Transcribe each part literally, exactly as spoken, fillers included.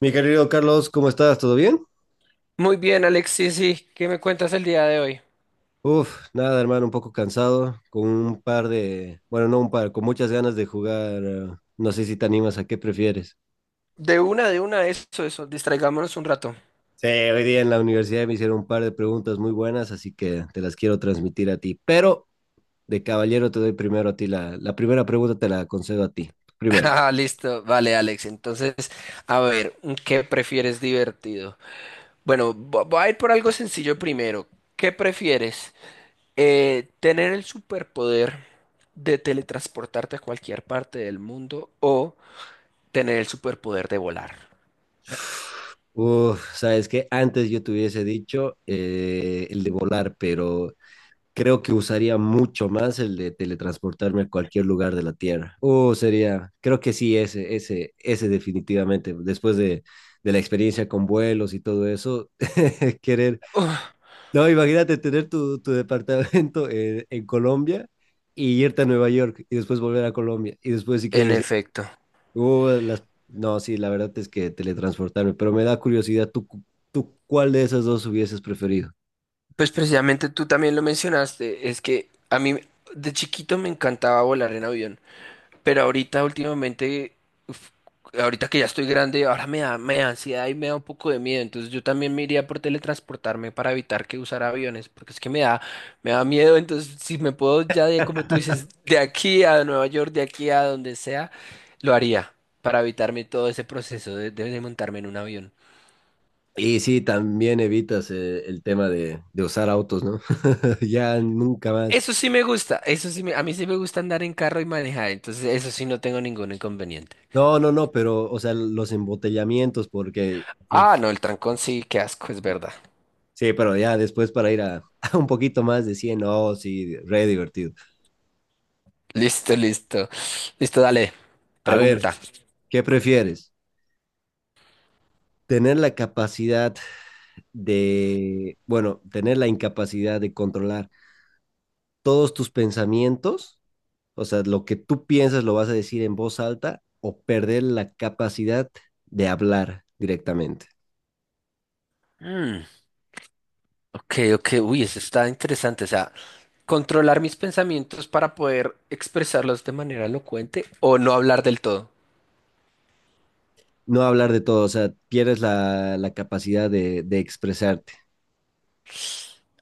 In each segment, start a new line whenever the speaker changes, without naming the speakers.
Mi querido Carlos, ¿cómo estás? ¿Todo bien?
Muy bien, Alexis, sí, ¿qué me cuentas el día de hoy?
Uf, nada, hermano, un poco cansado, con un par de, bueno, no un par, con muchas ganas de jugar. eh, No sé si te animas a qué prefieres.
De una, de una, eso, eso, distraigámonos un rato.
Sí, hoy día en la universidad me hicieron un par de preguntas muy buenas, así que te las quiero transmitir a ti. Pero de caballero te doy primero a ti la, la primera pregunta, te la concedo a ti. Primero.
Ah, listo, vale, Alex. Entonces, a ver, ¿qué prefieres divertido? Bueno, vo- voy a ir por algo sencillo primero. ¿Qué prefieres? Eh, ¿tener el superpoder de teletransportarte a cualquier parte del mundo o tener el superpoder de volar?
Uf, sabes que antes yo te hubiese dicho eh, el de volar, pero creo que usaría mucho más el de teletransportarme a cualquier lugar de la Tierra. O sería, creo que sí, ese, ese, ese definitivamente, después de, de la experiencia con vuelos y todo eso, querer, no, imagínate tener tu, tu departamento en, en Colombia y irte a Nueva York y después volver a Colombia y después si
En
quieres,
efecto.
uh, las... no, sí, la verdad es que teletransportarme, pero me da curiosidad, ¿tú, cu- tú cuál de esas dos hubieses preferido?
Pues precisamente tú también lo mencionaste, es que a mí de chiquito me encantaba volar en avión. Pero ahorita últimamente, uf, ahorita que ya estoy grande, ahora me da, me da ansiedad y me da un poco de miedo. Entonces yo también me iría por teletransportarme para evitar que usar aviones, porque es que me da, me da miedo. Entonces si me puedo ya de, como tú dices, de aquí a Nueva York, de aquí a donde sea, lo haría para evitarme todo ese proceso de, de- de montarme en un avión.
Y sí, también evitas eh, el tema de, de usar autos, ¿no? Ya nunca más.
Eso sí me gusta, eso sí me, a mí sí me gusta andar en carro y manejar, entonces eso sí no tengo ningún inconveniente.
No, no, no, pero, o sea, los embotellamientos, porque, uf,
Ah, no, el trancón sí, qué asco, es verdad.
sí, pero ya después para ir a, a un poquito más de cien, no, sí, re divertido.
Listo, listo. Listo, dale.
A ver,
Pregunta.
¿qué prefieres? ¿Tener la capacidad de, bueno, tener la incapacidad de controlar todos tus pensamientos O sea, lo que tú piensas lo vas a decir en voz alta o perder la capacidad de hablar directamente.
Mm, ok, ok. Uy, eso está interesante. O sea, controlar mis pensamientos para poder expresarlos de manera elocuente o no hablar del todo.
No hablar de todo, o sea, pierdes la, la capacidad de, de expresarte.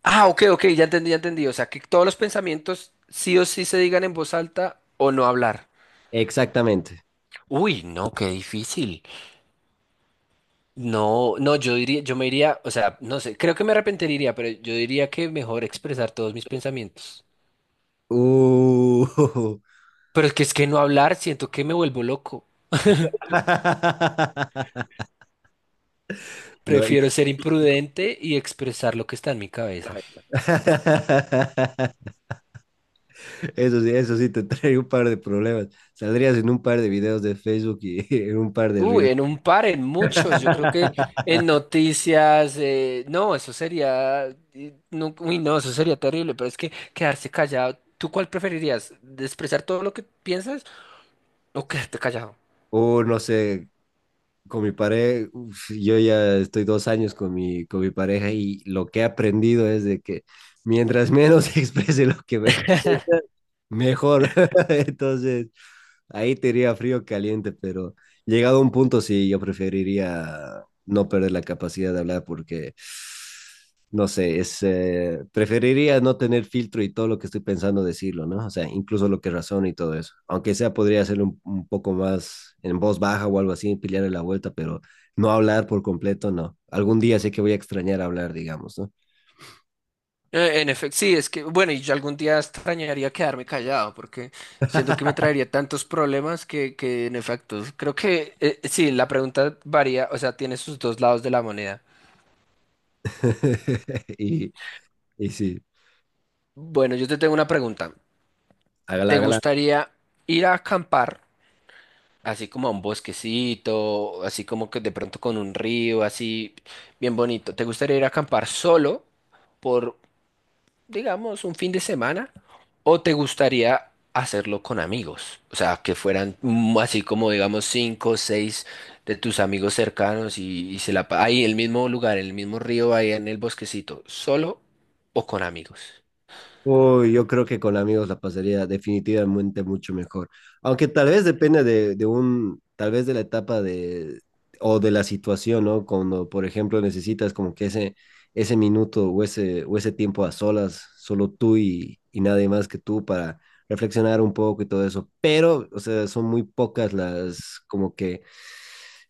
Ah, ok, ok, ya entendí, ya entendí. O sea, que todos los pensamientos sí o sí se digan en voz alta o no hablar.
Exactamente.
Uy, no, qué difícil. No, no, yo diría, yo me iría, o sea, no sé, creo que me arrepentiría, pero yo diría que mejor expresar todos mis pensamientos.
Uh.
Pero es que es que no hablar, siento que me vuelvo loco.
No, y-
Prefiero ser imprudente y expresar lo que está en mi cabeza.
Eso sí, eso sí te trae un par de problemas. Saldrías en un par de videos de Facebook y en un par de
Uy,
reels.
en un par, en muchos. Yo creo que en noticias, eh, no, eso sería, eh, no, uy, no, eso sería terrible, pero es que quedarse callado. ¿Tú cuál preferirías? ¿De ¿Expresar todo lo que piensas o quedarte callado?
O no sé, con mi pareja, yo ya estoy dos años con mi, con mi pareja y lo que he aprendido es de que mientras menos exprese lo que ve, Mejor. Entonces, ahí te iría frío caliente, pero llegado a un punto sí, yo preferiría no perder la capacidad de hablar porque, no sé, es, eh, preferiría no tener filtro y todo lo que estoy pensando decirlo, ¿no? O sea, incluso lo que razono y todo eso. Aunque sea, podría hacerlo un, un, poco más en voz baja o algo así, pillarle la vuelta, pero no hablar por completo, no. Algún día sé que voy a extrañar hablar, digamos, ¿no?
Eh, en efecto, sí, es que, bueno, y yo algún día extrañaría quedarme callado porque siento que me traería tantos problemas que, que en efecto, creo que, eh, sí, la pregunta varía, o sea, tiene sus dos lados de la moneda.
Y, y sí,
Bueno, yo te tengo una pregunta.
hágala,
¿Te
hágala.
gustaría ir a acampar, así como a un bosquecito, así como que de pronto con un río, así bien bonito? ¿Te gustaría ir a acampar solo por, digamos, un fin de semana? ¿O te gustaría hacerlo con amigos? O sea, que fueran mm, así como, digamos, cinco o seis de tus amigos cercanos y, y se la... pa- Ahí, en el mismo lugar, en el mismo río, ahí en el bosquecito, ¿solo o con amigos?
Uy, yo creo que con amigos la pasaría definitivamente mucho mejor. Aunque tal vez depende de, de, un, tal vez de la etapa de, o de la situación, ¿no? Cuando, por ejemplo, necesitas como que ese, ese minuto o ese, o ese tiempo a solas, solo tú y, y nadie más que tú para reflexionar un poco y todo eso. Pero, o sea, son muy pocas las, como que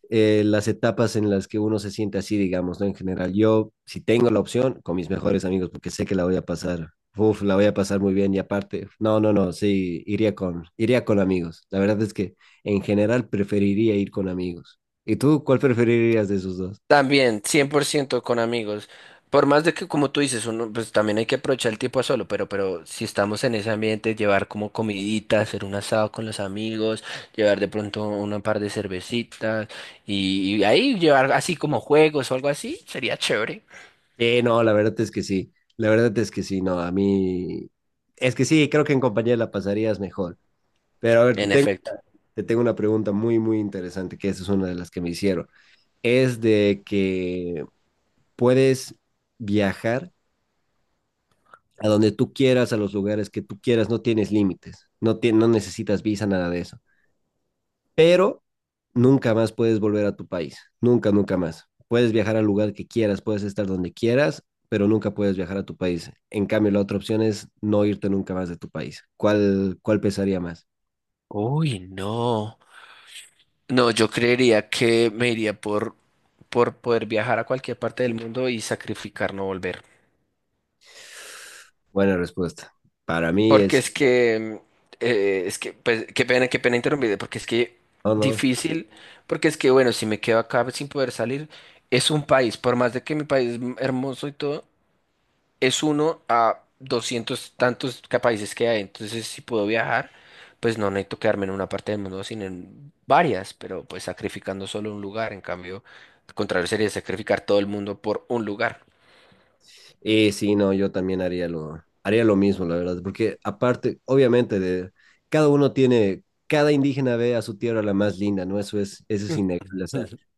eh, las etapas en las que uno se siente así, digamos, ¿no? En general, yo si tengo la opción con mis mejores amigos, porque sé que la voy a pasar, uf, la voy a pasar muy bien y aparte, no, no, no, sí, iría con, iría con amigos. La verdad es que en general preferiría ir con amigos. ¿Y tú cuál preferirías de esos dos?
También, cien por ciento con amigos. Por más de que, como tú dices, uno, pues también hay que aprovechar el tiempo a solo, pero, pero si estamos en ese ambiente, llevar como comidita, hacer un asado con los amigos, llevar de pronto una par de cervecitas y, y ahí llevar así como juegos o algo así, sería chévere.
Sí, no, la verdad es que sí, la verdad es que sí, no, a mí, es que sí, creo que en compañía la pasarías mejor. Pero a ver, te
En
tengo,
efecto.
te tengo una pregunta muy, muy interesante, que esa es una de las que me hicieron. Es de que puedes viajar a donde tú quieras, a los lugares que tú quieras, no tienes límites, no, ti- no necesitas visa, nada de eso. Pero nunca más puedes volver a tu país, nunca, nunca más. Puedes viajar al lugar que quieras, puedes estar donde quieras, pero nunca puedes viajar a tu país. En cambio, la otra opción es no irte nunca más de tu país. ¿Cuál, cuál pesaría más?
Uy, no. No, yo creería que me iría por, por poder viajar a cualquier parte del mundo y sacrificar no volver.
Buena respuesta. Para mí
Porque
es,
es que, eh, es que, pues, qué pena, qué pena interrumpirte, porque es que
no, no.
difícil, porque es que, bueno, si me quedo acá sin poder salir, es un país, por más de que mi país es m- hermoso y todo, es uno a doscientos tantos ca- países que hay, entonces si puedo viajar, pues no necesito quedarme en una parte del mundo, sino en varias, pero pues sacrificando solo un lugar, en cambio, al contrario sería sacrificar todo el mundo por un lugar.
Y sí, no, yo también haría lo, haría lo mismo, la verdad, porque aparte, obviamente, de, cada uno tiene, cada indígena ve a su tierra la más linda, ¿no? Eso es, eso es innegable, o sea,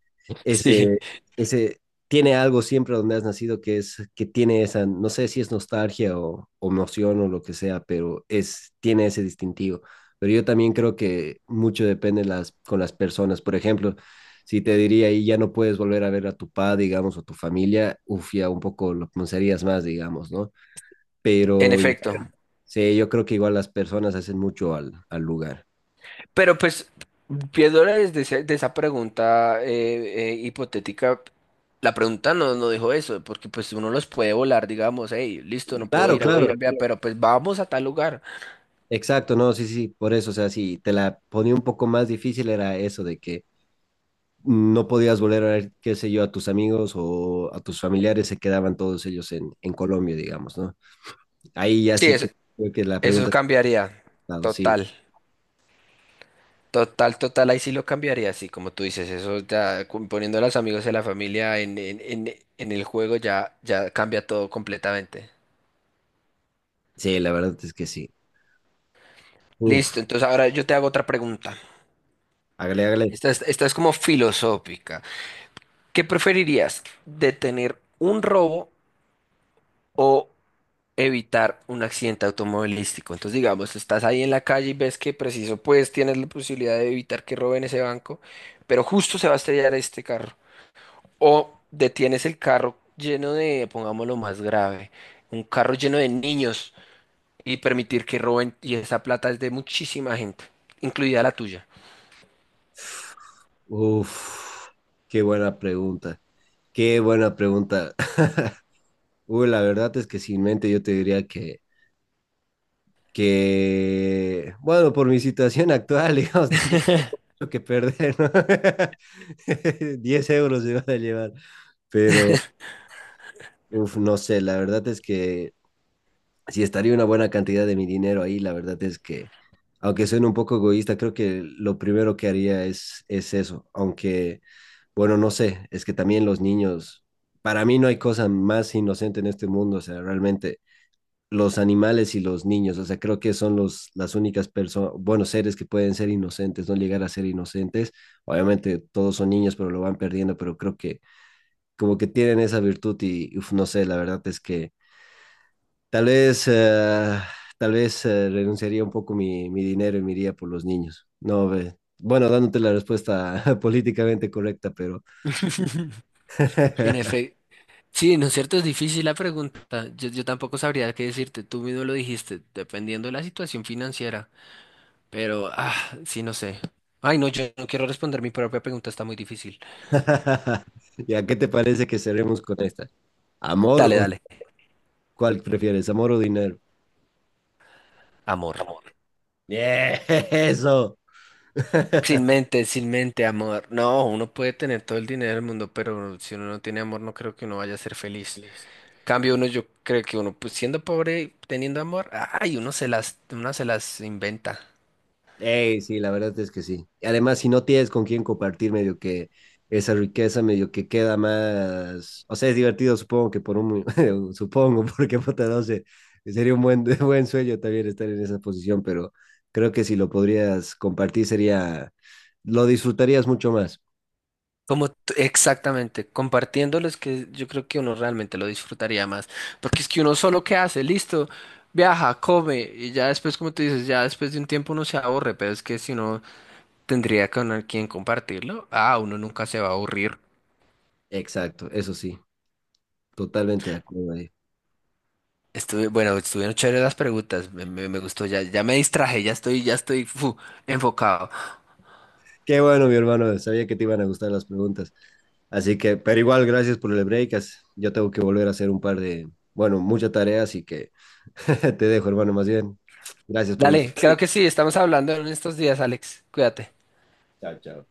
Sí,
ese, ese, tiene algo siempre donde has nacido que es, que tiene esa, no sé si es nostalgia o, o emoción o lo que sea, pero es, tiene ese distintivo. Pero yo también creo que mucho depende las, con las personas. Por ejemplo, si te diría y ya no puedes volver a ver a tu padre, digamos, o tu familia, uf, ya un poco lo pensarías más, digamos, ¿no?
en
Pero
efecto.
sí, yo creo que igual las personas hacen mucho al, al lugar.
Pero pues, viéndola desde ese- de esa pregunta eh, eh, hipotética, la pregunta no, no dijo eso, porque pues uno los puede volar, digamos, hey, listo, no puedo
Claro,
ir a
claro.
Colombia, pero pues vamos a tal lugar.
Exacto, no, sí, sí, por eso, o sea, si te la ponía un poco más difícil era eso de que no podías volver a ver, qué sé yo, a tus amigos o a tus familiares, se quedaban todos ellos en, en Colombia, digamos, ¿no? Ahí ya
Sí,
sí
eso,
que creo que la
eso
pregunta,
cambiaría,
claro, sí,
total, total, total, ahí sí lo cambiaría, sí, como tú dices, eso ya cu- poniendo a los amigos de la familia en, en, en, en el juego ya, ya cambia todo completamente.
sí, la verdad es que sí. Uf,
Listo, entonces ahora yo te hago otra pregunta.
hágale, hágale.
Esta es, esta es como filosófica. ¿Qué preferirías? ¿Detener un robo o evitar un accidente automovilístico? Entonces, digamos, estás ahí en la calle y ves que preciso, pues tienes la posibilidad de evitar que roben ese banco, pero justo se va a estrellar este carro. O detienes el carro lleno de, pongámoslo más grave, un carro lleno de niños y permitir que roben y esa plata es de muchísima gente, incluida la tuya.
Uf, qué buena pregunta, qué buena pregunta. Uy, la verdad es que sin mente yo te diría que, que, bueno, por mi situación actual, digamos, tampoco mucho que perder, ¿no? diez euros se van a llevar, pero uf, no sé, la verdad es que si estaría una buena cantidad de mi dinero ahí, la verdad es que, aunque suene un poco egoísta, creo que lo primero que haría es, es eso, aunque, bueno, no sé, es que también los niños, para mí no hay cosa más inocente en este mundo, o sea, realmente los animales y los niños. O sea, creo que son los, las únicas personas, buenos seres que pueden ser inocentes, no llegar a ser inocentes. Obviamente todos son niños, pero lo van perdiendo, pero creo que como que tienen esa virtud y uf, no sé, la verdad es que tal vez, eh, tal vez eh, renunciaría un poco mi, mi, dinero y me iría por los niños. No, ve. Bueno, dándote la respuesta políticamente correcta, pero
En efecto. Sí, ¿no es cierto? Es difícil la pregunta. Yo, yo tampoco sabría qué decirte. Tú mismo lo dijiste, dependiendo de la situación financiera. Pero, ah, sí, no sé. Ay, no, yo no quiero responder mi propia pregunta, está muy difícil.
¿ya qué te parece que cerremos con esta? ¿Amor
Dale,
o
dale.
cuál prefieres, amor o dinero?
Amor.
Yeah, eso.
Sin mente, sin mente, amor. No, uno puede tener todo el dinero del mundo, pero si uno no tiene amor, no creo que uno vaya a ser feliz.
Listo.
Cambio uno, yo creo que uno, pues siendo pobre, teniendo amor, ay, uno se las, uno se las inventa.
Ey, sí, la verdad es que sí. Y Además, si no tienes con quién compartir, medio que esa riqueza, medio que queda más. O sea, es divertido, supongo que por un. supongo, porque puta, no sé. Sería un buen, buen sueño también estar en esa posición, pero creo que si lo podrías compartir, sería. Lo disfrutarías mucho más.
Como t- exactamente, compartiéndolo es que yo creo que uno realmente lo disfrutaría más, porque es que uno solo qué hace, listo, viaja, come y ya después, como tú dices, ya después de un tiempo uno se aburre, pero es que si uno tendría con al- quien compartirlo, ah, uno nunca se va a aburrir.
Exacto, eso sí, totalmente de acuerdo ahí.
Estuve, bueno, estuvieron chéveres las preguntas, me, me- me gustó, ya, ya me distraje, ya estoy, ya estoy fu, enfocado.
Qué bueno, mi hermano, sabía que te iban a gustar las preguntas. Así que, pero igual, gracias por el break. as- Yo tengo que volver a hacer un par de, bueno, mucha tarea, así que te dejo, hermano, más bien. Gracias por estar.
Dale, claro que sí, estamos hablando en estos días, Alex, cuídate.
Chao, chao.